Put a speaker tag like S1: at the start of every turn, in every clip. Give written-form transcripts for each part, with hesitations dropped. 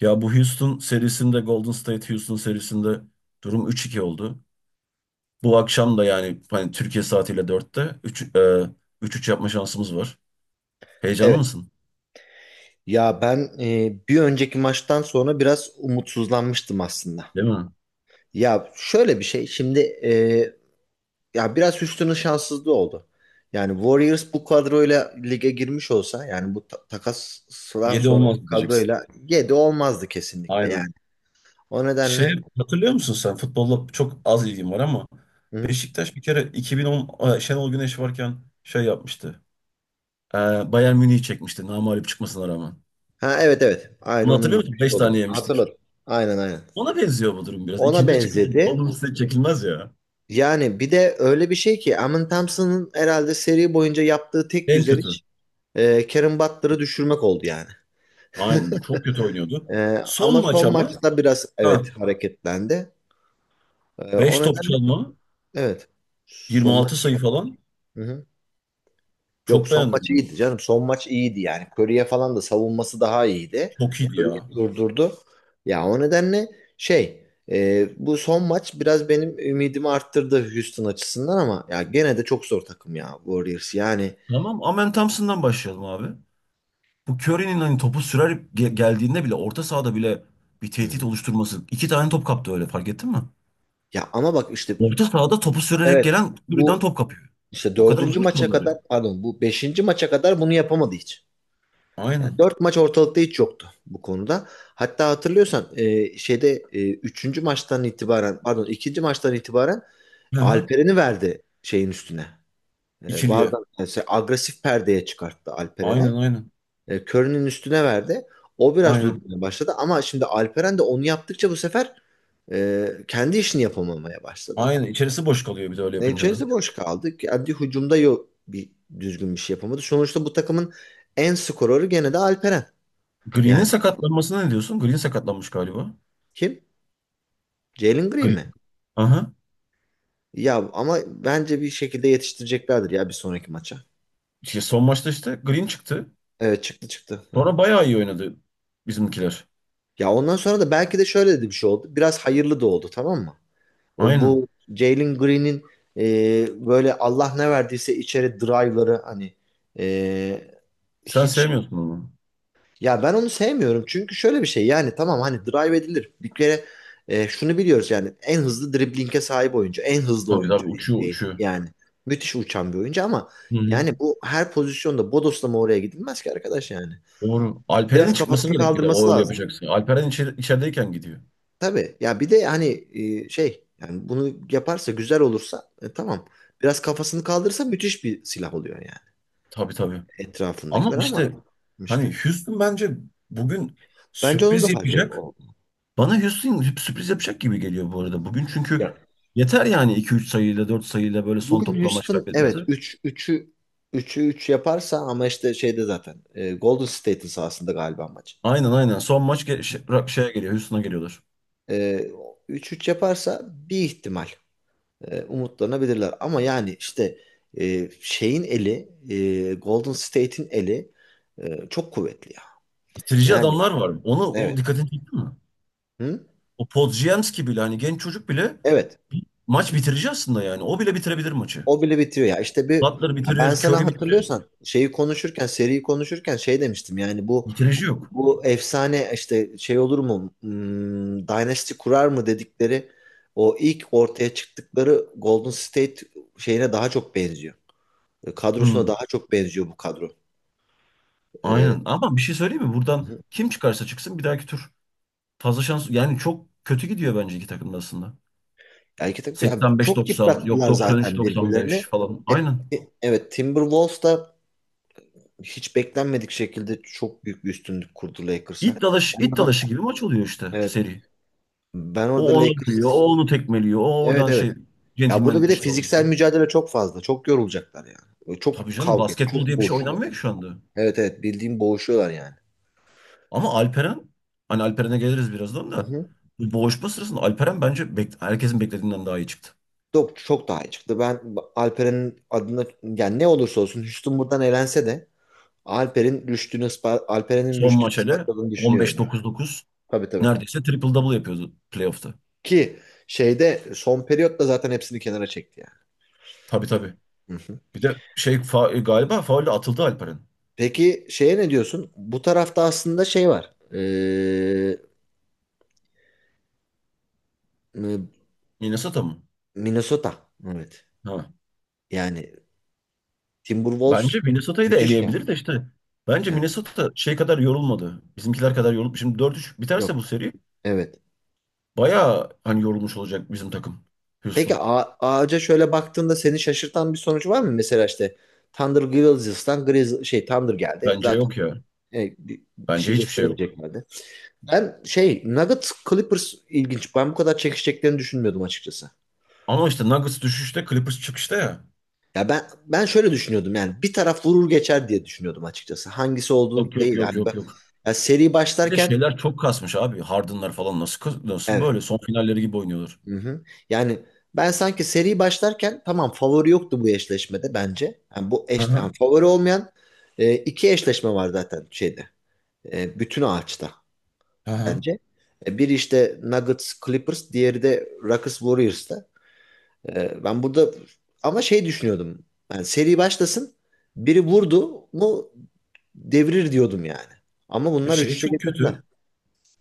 S1: Ya, bu Houston serisinde, Golden State Houston serisinde durum 3-2 oldu. Bu akşam da yani hani Türkiye saatiyle dörtte 3 3 yapma şansımız var. Heyecanlı
S2: Evet.
S1: mısın?
S2: Ya ben bir önceki maçtan sonra biraz umutsuzlanmıştım aslında.
S1: Değil mi?
S2: Ya şöyle bir şey şimdi ya biraz Houston'ın şanssızlığı oldu. Yani Warriors bu kadroyla lige girmiş olsa yani bu takasdan
S1: Yedi
S2: sonraki
S1: olmaz diyeceksin.
S2: kadroyla 7 olmazdı kesinlikle
S1: Aynen.
S2: yani. O
S1: Şey,
S2: nedenle
S1: hatırlıyor musun sen? Futbolla çok az ilgim var ama
S2: hı?
S1: Beşiktaş bir kere 2010 Şenol Güneş varken şey yapmıştı. E, Bayern Münih'i çekmişti namağlup çıkmasına rağmen.
S2: Ha, evet, evet, aynı
S1: Bunu
S2: onun
S1: hatırlıyor
S2: gibi bir
S1: musun?
S2: şey
S1: 5
S2: oldu.
S1: tane yemiştik.
S2: Hatırladım. Aynen, aynen.
S1: Ona benziyor bu durum biraz.
S2: Ona
S1: İkinci çıkışta
S2: benzedi.
S1: Golden State çekilmez ya.
S2: Yani bir de öyle bir şey ki Amin Thompson'ın herhalde seri boyunca yaptığı tek
S1: En
S2: güzel
S1: kötü.
S2: iş Kevin Butler'ı düşürmek oldu yani.
S1: Aynen, bu çok kötü oynuyordu.
S2: E,
S1: Son
S2: Ama
S1: maç
S2: son
S1: ama,
S2: maçta biraz
S1: ha,
S2: evet hareketlendi. O
S1: 5 top
S2: nedenle
S1: çalma,
S2: evet.
S1: yirmi
S2: Son
S1: altı
S2: maç.
S1: sayı falan
S2: Hı hı. Yok,
S1: çok
S2: son
S1: beğendim
S2: maç
S1: ben.
S2: iyiydi canım. Son maç iyiydi yani. Curry'e falan da savunması daha iyiydi.
S1: Çok iyiydi
S2: Curry'i
S1: ya.
S2: durdurdu. Ya o nedenle şey bu son maç biraz benim ümidimi arttırdı Houston açısından ama ya gene de çok zor takım ya Warriors yani.
S1: Tamam, Amen Thompson'dan başlayalım abi. Bu Curry'nin hani topu sürer geldiğinde bile, orta sahada bile bir tehdit
S2: Hı.
S1: oluşturması. İki tane top kaptı, öyle fark ettin mi?
S2: Ya ama bak işte,
S1: Orta sahada topu sürerek
S2: evet,
S1: gelen Curry'den
S2: bu
S1: top kapıyor.
S2: işte
S1: O kadar
S2: dördüncü
S1: uzun ki
S2: maça
S1: kolları.
S2: kadar pardon bu beşinci maça kadar bunu yapamadı hiç. Yani
S1: Aynen.
S2: dört maç ortalıkta hiç yoktu bu konuda. Hatta hatırlıyorsan şeyde üçüncü maçtan itibaren pardon ikinci maçtan itibaren
S1: Hı hı.
S2: Alperen'i verdi şeyin üstüne.
S1: İkiliye.
S2: Bazen mesela agresif perdeye çıkarttı
S1: Aynen
S2: Alperen'i.
S1: aynen.
S2: Curry'nin üstüne verdi. O biraz
S1: Aynen.
S2: durmaya başladı ama şimdi Alperen de onu yaptıkça bu sefer kendi işini yapamamaya başladı.
S1: Aynen. İçerisi boş kalıyor bir de öyle yapınca da.
S2: Necez'de boş kaldı. Kendi hücumda yok bir düzgün bir şey yapamadı. Sonuçta bu takımın en skorörü gene de Alperen.
S1: Green'in
S2: Yani
S1: sakatlanmasına ne diyorsun? Green sakatlanmış galiba.
S2: kim? Jalen Green
S1: Green.
S2: mi?
S1: Aha.
S2: Ya ama bence bir şekilde yetiştireceklerdir ya bir sonraki maça.
S1: İşte son maçta işte Green çıktı.
S2: Evet, çıktı, çıktı. Hı
S1: Sonra
S2: hı.
S1: bayağı iyi oynadı bizimkiler.
S2: Ya ondan sonra da belki de şöyle de bir şey oldu. Biraz hayırlı da oldu, tamam mı? O bu
S1: Aynen.
S2: Jalen Green'in böyle Allah ne verdiyse içeri drive'ları hani e,
S1: Sen
S2: hiç.
S1: sevmiyorsun onu.
S2: Ya ben onu sevmiyorum çünkü şöyle bir şey yani tamam hani drive edilir. Bir kere şunu biliyoruz yani en hızlı dribling'e sahip oyuncu, en hızlı
S1: Tabii
S2: oyuncu
S1: tabii, uçuyor
S2: NBA'in
S1: uçuyor.
S2: yani müthiş uçan bir oyuncu ama
S1: Hı hı.
S2: yani bu her pozisyonda bodoslama oraya gidilmez ki arkadaş yani.
S1: Doğru. Alperen'in
S2: Biraz
S1: çıkması
S2: kafasını
S1: gerek bir de.
S2: kaldırması
S1: O öyle
S2: lazım.
S1: yapacaksın. Alperen içeri, içerideyken gidiyor.
S2: Tabii ya bir de hani şey yani bunu yaparsa güzel olursa tamam. Biraz kafasını kaldırırsa müthiş bir silah oluyor yani
S1: Tabii tabii. Ama
S2: etrafındakiler ama
S1: işte hani
S2: işte
S1: Houston bence bugün
S2: bence onun
S1: sürpriz
S2: da fark
S1: yapacak.
S2: ediyor.
S1: Bana Houston sürpriz yapacak gibi geliyor bu arada. Bugün çünkü yeter yani, iki üç sayıyla, 4 sayıyla böyle son
S2: Bugün
S1: topla maç
S2: Houston
S1: kaybetmesi.
S2: evet 3 üçü 3'ü 3 yaparsa ama işte şeyde zaten Golden State'in sahasında galiba maç.
S1: Aynen aynen. Son maç şeye geliyor. Houston'a geliyorlar.
S2: E, üç 3 yaparsa bir ihtimal umutlanabilirler ama yani işte şeyin eli Golden State'in eli çok kuvvetli ya.
S1: Bitirici
S2: Yani,
S1: adamlar var. Onu, o
S2: evet.
S1: dikkatini çekti mi?
S2: Hı?
S1: O Podziemski bile, hani genç çocuk bile
S2: Evet.
S1: maç bitirici aslında yani. O bile bitirebilir maçı.
S2: O bile bitiyor ya. İşte bir,
S1: Butler
S2: ya, ben
S1: bitirir,
S2: sana
S1: Curry bitirir.
S2: hatırlıyorsan şeyi konuşurken seriyi konuşurken şey demiştim yani bu.
S1: Bitirici yok.
S2: Bu efsane işte şey olur mu? Hmm, Dynasty kurar mı dedikleri o ilk ortaya çıktıkları Golden State şeyine daha çok benziyor. Kadrosuna
S1: Hmm,
S2: daha çok benziyor bu kadro. Ee,
S1: aynen. Ama bir şey söyleyeyim mi? Buradan kim çıkarsa çıksın bir dahaki tur. Fazla şans yani, çok kötü gidiyor bence iki takım da aslında.
S2: yani iki yani çok
S1: 85-90, yok
S2: yıprattılar zaten
S1: 93-95
S2: birbirlerini.
S1: falan. Aynen.
S2: E- evet Timberwolves da hiç beklenmedik şekilde çok büyük bir üstünlük kurdu Lakers'a.
S1: İt dalaşı,
S2: Ben
S1: it
S2: orada,
S1: dalaşı gibi maç oluyor işte
S2: evet,
S1: seri.
S2: ben orada
S1: O onu vuruyor, o
S2: Lakers,
S1: onu tekmeliyor, o
S2: evet,
S1: oradan
S2: evet.
S1: şey
S2: Ya burada
S1: centilmenlik
S2: bir de
S1: dışı alıyor.
S2: fiziksel mücadele çok fazla. Çok yorulacaklar yani. Böyle çok
S1: Tabii canım,
S2: kavga,
S1: basketbol
S2: çok
S1: diye bir şey
S2: boğuşma.
S1: oynanmıyor ki şu anda.
S2: Evet, evet, bildiğim boğuşuyorlar yani.
S1: Ama Alperen, hani Alperen'e geliriz birazdan
S2: Hı
S1: da.
S2: hı.
S1: Bu boğuşma sırasında Alperen bence herkesin beklediğinden daha iyi çıktı.
S2: Çok, çok daha iyi çıktı. Ben Alperen'in adına yani ne olursa olsun Houston buradan elense de Alperen'in
S1: Son
S2: rüştünü
S1: maç hele,
S2: ispatladığını
S1: on
S2: düşünüyorum
S1: beş
S2: yani.
S1: dokuz dokuz,
S2: Tabii, tabii.
S1: neredeyse triple double yapıyordu playoff'ta.
S2: Ki şeyde son periyotta zaten hepsini kenara çekti
S1: Tabii tabii.
S2: yani. Hı hı.
S1: Bir de şey galiba faulle atıldı Alperen.
S2: Peki şeye ne diyorsun? Bu tarafta aslında şey var.
S1: Minnesota mı?
S2: Minnesota. Evet.
S1: Ha.
S2: Yani
S1: Bence
S2: Timberwolves
S1: Minnesota'yı da
S2: müthiş yani.
S1: eleyebilir de işte. Bence
S2: Yani,
S1: Minnesota şey kadar yorulmadı. Bizimkiler kadar yorulup şimdi 4 üç biterse
S2: yok.
S1: bu seri,
S2: Evet.
S1: bayağı hani yorulmuş olacak bizim takım.
S2: Peki
S1: Houston.
S2: Ağaca şöyle baktığında seni şaşırtan bir sonuç var mı? Mesela işte Thunder Grizzlies'tan Grizz şey Thunder geldi.
S1: Bence
S2: Zaten
S1: yok ya.
S2: bir
S1: Bence
S2: şey
S1: hiçbir şey yok.
S2: gösteremeyeceklerdi. Ben şey Nuggets Clippers ilginç. Ben bu kadar çekişeceklerini düşünmüyordum açıkçası.
S1: Ama işte Nuggets düşüşte, Clippers çıkışta ya.
S2: Ya ben şöyle düşünüyordum yani bir taraf vurur geçer diye düşünüyordum açıkçası. Hangisi
S1: Yok
S2: olduğu
S1: yok
S2: değil.
S1: yok
S2: Yani ben,
S1: yok yok.
S2: ya seri
S1: Bir de
S2: başlarken,
S1: şeyler çok kasmış abi. Harden'lar falan nasıl böyle
S2: evet.
S1: son finalleri gibi oynuyorlar.
S2: Hı hı. Yani ben sanki seri başlarken tamam favori yoktu bu eşleşmede bence. Yani
S1: Hı
S2: yani
S1: hı.
S2: favori olmayan iki eşleşme var zaten şeyde. Bütün ağaçta
S1: Hı hı.
S2: bence. Biri işte Nuggets Clippers, diğeri de Rockets Warriors'ta. Ben burada ama şey düşünüyordum. Yani seri başlasın, biri vurdu mu devirir diyordum yani. Ama bunlar
S1: Şey
S2: 3-3'e
S1: çok
S2: getirdiler.
S1: kötü.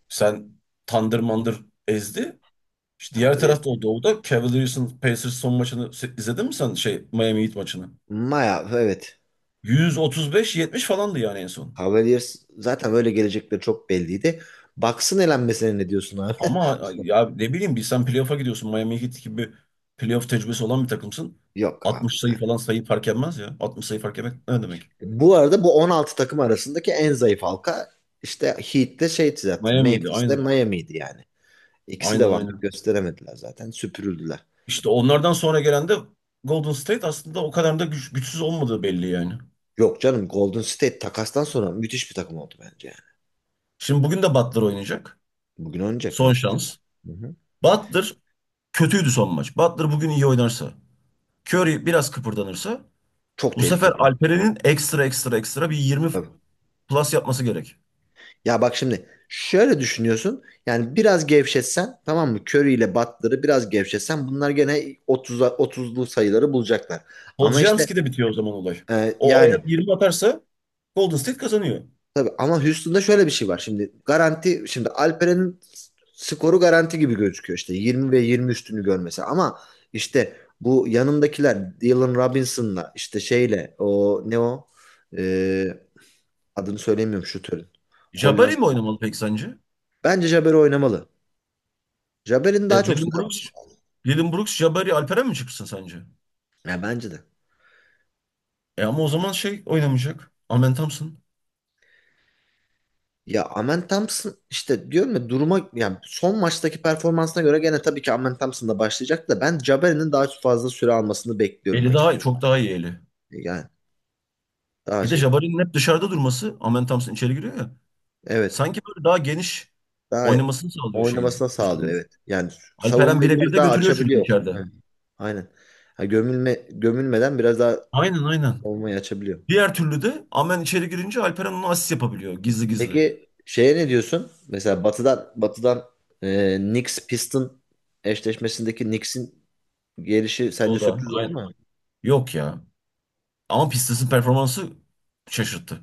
S1: Sen Thunder mandır ezdi. İşte diğer
S2: Kandırıyor.
S1: tarafta o doğuda Cavaliers'ın Pacers son maçını izledin mi sen şey, Miami Heat maçını?
S2: Maya, evet.
S1: 135-70 falandı yani en son.
S2: Cavaliers zaten öyle gelecekleri çok belliydi. Bucks'ın elenmesine ne diyorsun abi?
S1: Ama ya ne bileyim, bir sen playoff'a gidiyorsun. Miami Heat gibi playoff tecrübesi olan bir takımsın.
S2: Yok abi
S1: 60 sayı
S2: yani.
S1: falan, sayı fark etmez ya. 60 sayı fark etmek ne demek?
S2: Bu arada bu 16 takım arasındaki en zayıf halka işte Heat'te şey zaten.
S1: Miami'ydi
S2: Memphis'te
S1: aynen.
S2: Miami'ydi yani. İkisi
S1: Aynen
S2: de varlık
S1: aynen.
S2: gösteremediler zaten. Süpürüldüler.
S1: İşte onlardan sonra gelen de Golden State, aslında o kadar da güçsüz olmadığı belli yani.
S2: Yok canım, Golden State takastan sonra müthiş bir takım oldu bence yani.
S1: Şimdi bugün de Butler oynayacak.
S2: Bugün oynayacak,
S1: Son
S2: evet.
S1: şans.
S2: Hı hı.
S1: Butler kötüydü son maç. Butler bugün iyi oynarsa. Curry biraz kıpırdanırsa.
S2: Çok
S1: Bu sefer
S2: tehlikeli takım.
S1: Alperen'in ekstra ekstra ekstra bir 20
S2: Tabii.
S1: plus yapması gerek.
S2: Ya bak şimdi şöyle düşünüyorsun. Yani biraz gevşetsen, tamam mı? Curry ile Butler'ı biraz gevşetsen bunlar gene 30'a 30'lu sayıları bulacaklar. Ama işte
S1: Poljiamski'de bitiyor o zaman olay. O eğer
S2: yani
S1: 20 atarsa Golden State kazanıyor.
S2: tabii ama Houston'da şöyle bir şey var. Şimdi garanti şimdi Alperen'in skoru garanti gibi gözüküyor. İşte 20 ve 20 üstünü görmesi ama işte bu yanındakiler Dylan Robinson'la işte şeyle o ne o E, adını söylemiyorum şutörün. Hollanda.
S1: Jabari mi oynamalı peki sence?
S2: Bence Jabber oynamalı. Jabber'in
S1: E,
S2: daha çok
S1: Dylan
S2: sayı.
S1: Brooks, Dylan Brooks, Jabari, Alperen mi çıksın sence?
S2: Ya bence de.
S1: Ama o zaman şey oynamayacak. Amen Thompson.
S2: Ya Amen Thompson işte diyorum ya duruma yani son maçtaki performansına göre gene tabii ki Amen Thompson da başlayacak da ben Jabari'nin daha fazla süre almasını bekliyorum
S1: Eli
S2: açık.
S1: daha iyi, çok daha iyi eli.
S2: Yani daha
S1: Bir de
S2: şey.
S1: Jabari'nin hep dışarıda durması, Amen Thompson içeri giriyor ya.
S2: Evet.
S1: Sanki böyle daha geniş
S2: Daha
S1: oynamasını sağlıyor şeyin
S2: oynamasına sağlıyor,
S1: üstünün.
S2: evet. Yani
S1: Alperen
S2: savunmayı
S1: birebir
S2: biraz
S1: de
S2: daha
S1: götürüyor çünkü
S2: açabiliyor.
S1: içeride.
S2: Evet, aynen. Ha, gömülmeden biraz daha
S1: Aynen aynen.
S2: savunmayı açabiliyor.
S1: Diğer türlü de Amen içeri girince Alperen onu asist yapabiliyor gizli gizli.
S2: Peki şeye ne diyorsun? Mesela Batı'dan Knicks Piston eşleşmesindeki Knicks'in gelişi sence
S1: O da
S2: sürpriz oldu
S1: aynen.
S2: mu?
S1: Yok ya. Ama Pistons'ın performansı şaşırttı.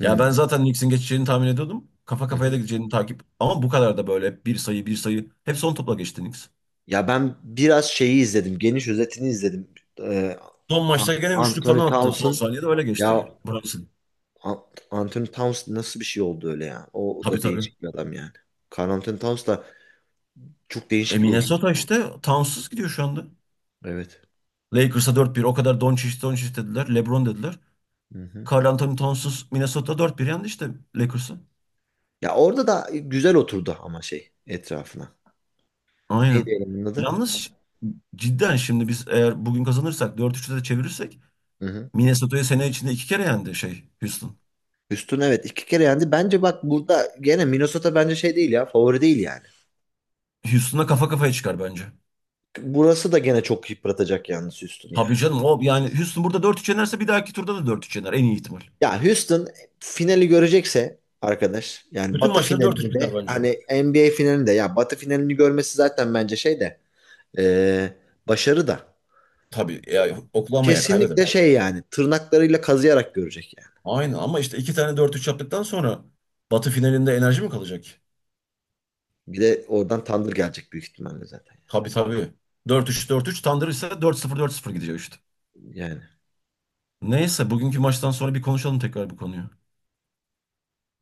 S1: Ya ben zaten Knicks'in geçeceğini tahmin ediyordum. Kafa
S2: Hı
S1: kafaya da
S2: hı.
S1: gideceğini takip. Ama bu kadar da böyle, hep bir sayı bir sayı. Hep son topla geçti Knicks.
S2: Ya ben biraz şeyi izledim. Geniş özetini izledim. Ee,
S1: Son maçta gene üçlük
S2: Anthony
S1: falan attı. Son
S2: Townsend
S1: saniyede öyle geçti.
S2: ya
S1: Brunson.
S2: An- Anthony Townsend nasıl bir şey oldu öyle ya? O, o
S1: Tabii
S2: da
S1: tabii.
S2: değişik bir adam yani. Karl Anthony Townsend da çok değişik bir uzun.
S1: Minnesota işte Towns'suz gidiyor şu anda.
S2: Evet.
S1: Lakers'a 4-1. O kadar Doncic Doncic dediler, LeBron dediler.
S2: Hı hı.
S1: Karl Anthony Towns'suz Minnesota 4-1 yendi işte Lakers'a.
S2: Ya orada da güzel oturdu ama şey etrafına. Neydi
S1: Aynen.
S2: elemanın adı?
S1: Yalnız cidden şimdi biz eğer bugün kazanırsak, 4-3'te de çevirirsek
S2: Hı hı.
S1: Minnesota'yı, sene içinde iki kere yendi şey Houston.
S2: Houston evet iki kere yendi. Bence bak burada gene Minnesota bence şey değil ya favori değil yani.
S1: Houston'a kafa kafaya çıkar bence.
S2: Burası da gene çok yıpratacak yalnız Houston ya.
S1: Tabii canım, o yani Houston burada 4-3 yenerse, bir dahaki turda da 4-3 yener en iyi ihtimal.
S2: Ya Houston finali görecekse arkadaş yani
S1: Bütün
S2: Batı
S1: maçları 4-3
S2: finalini
S1: biter
S2: de
S1: bence.
S2: hani NBA finalini de ya Batı finalini görmesi zaten bence şey de e, başarı da
S1: Tabii ya, Oklahoma'ya kaybeder.
S2: kesinlikle şey yani tırnaklarıyla kazıyarak görecek yani.
S1: Aynen, ama işte iki tane 4-3 yaptıktan sonra Batı finalinde enerji mi kalacak?
S2: Bir de oradan tandır gelecek büyük ihtimalle zaten
S1: Tabii tabii. Dört üç dört üç Thunder ise, 4-0 4-0 gidecek işte.
S2: yani. Yani
S1: Neyse, bugünkü maçtan sonra bir konuşalım tekrar bu konuyu.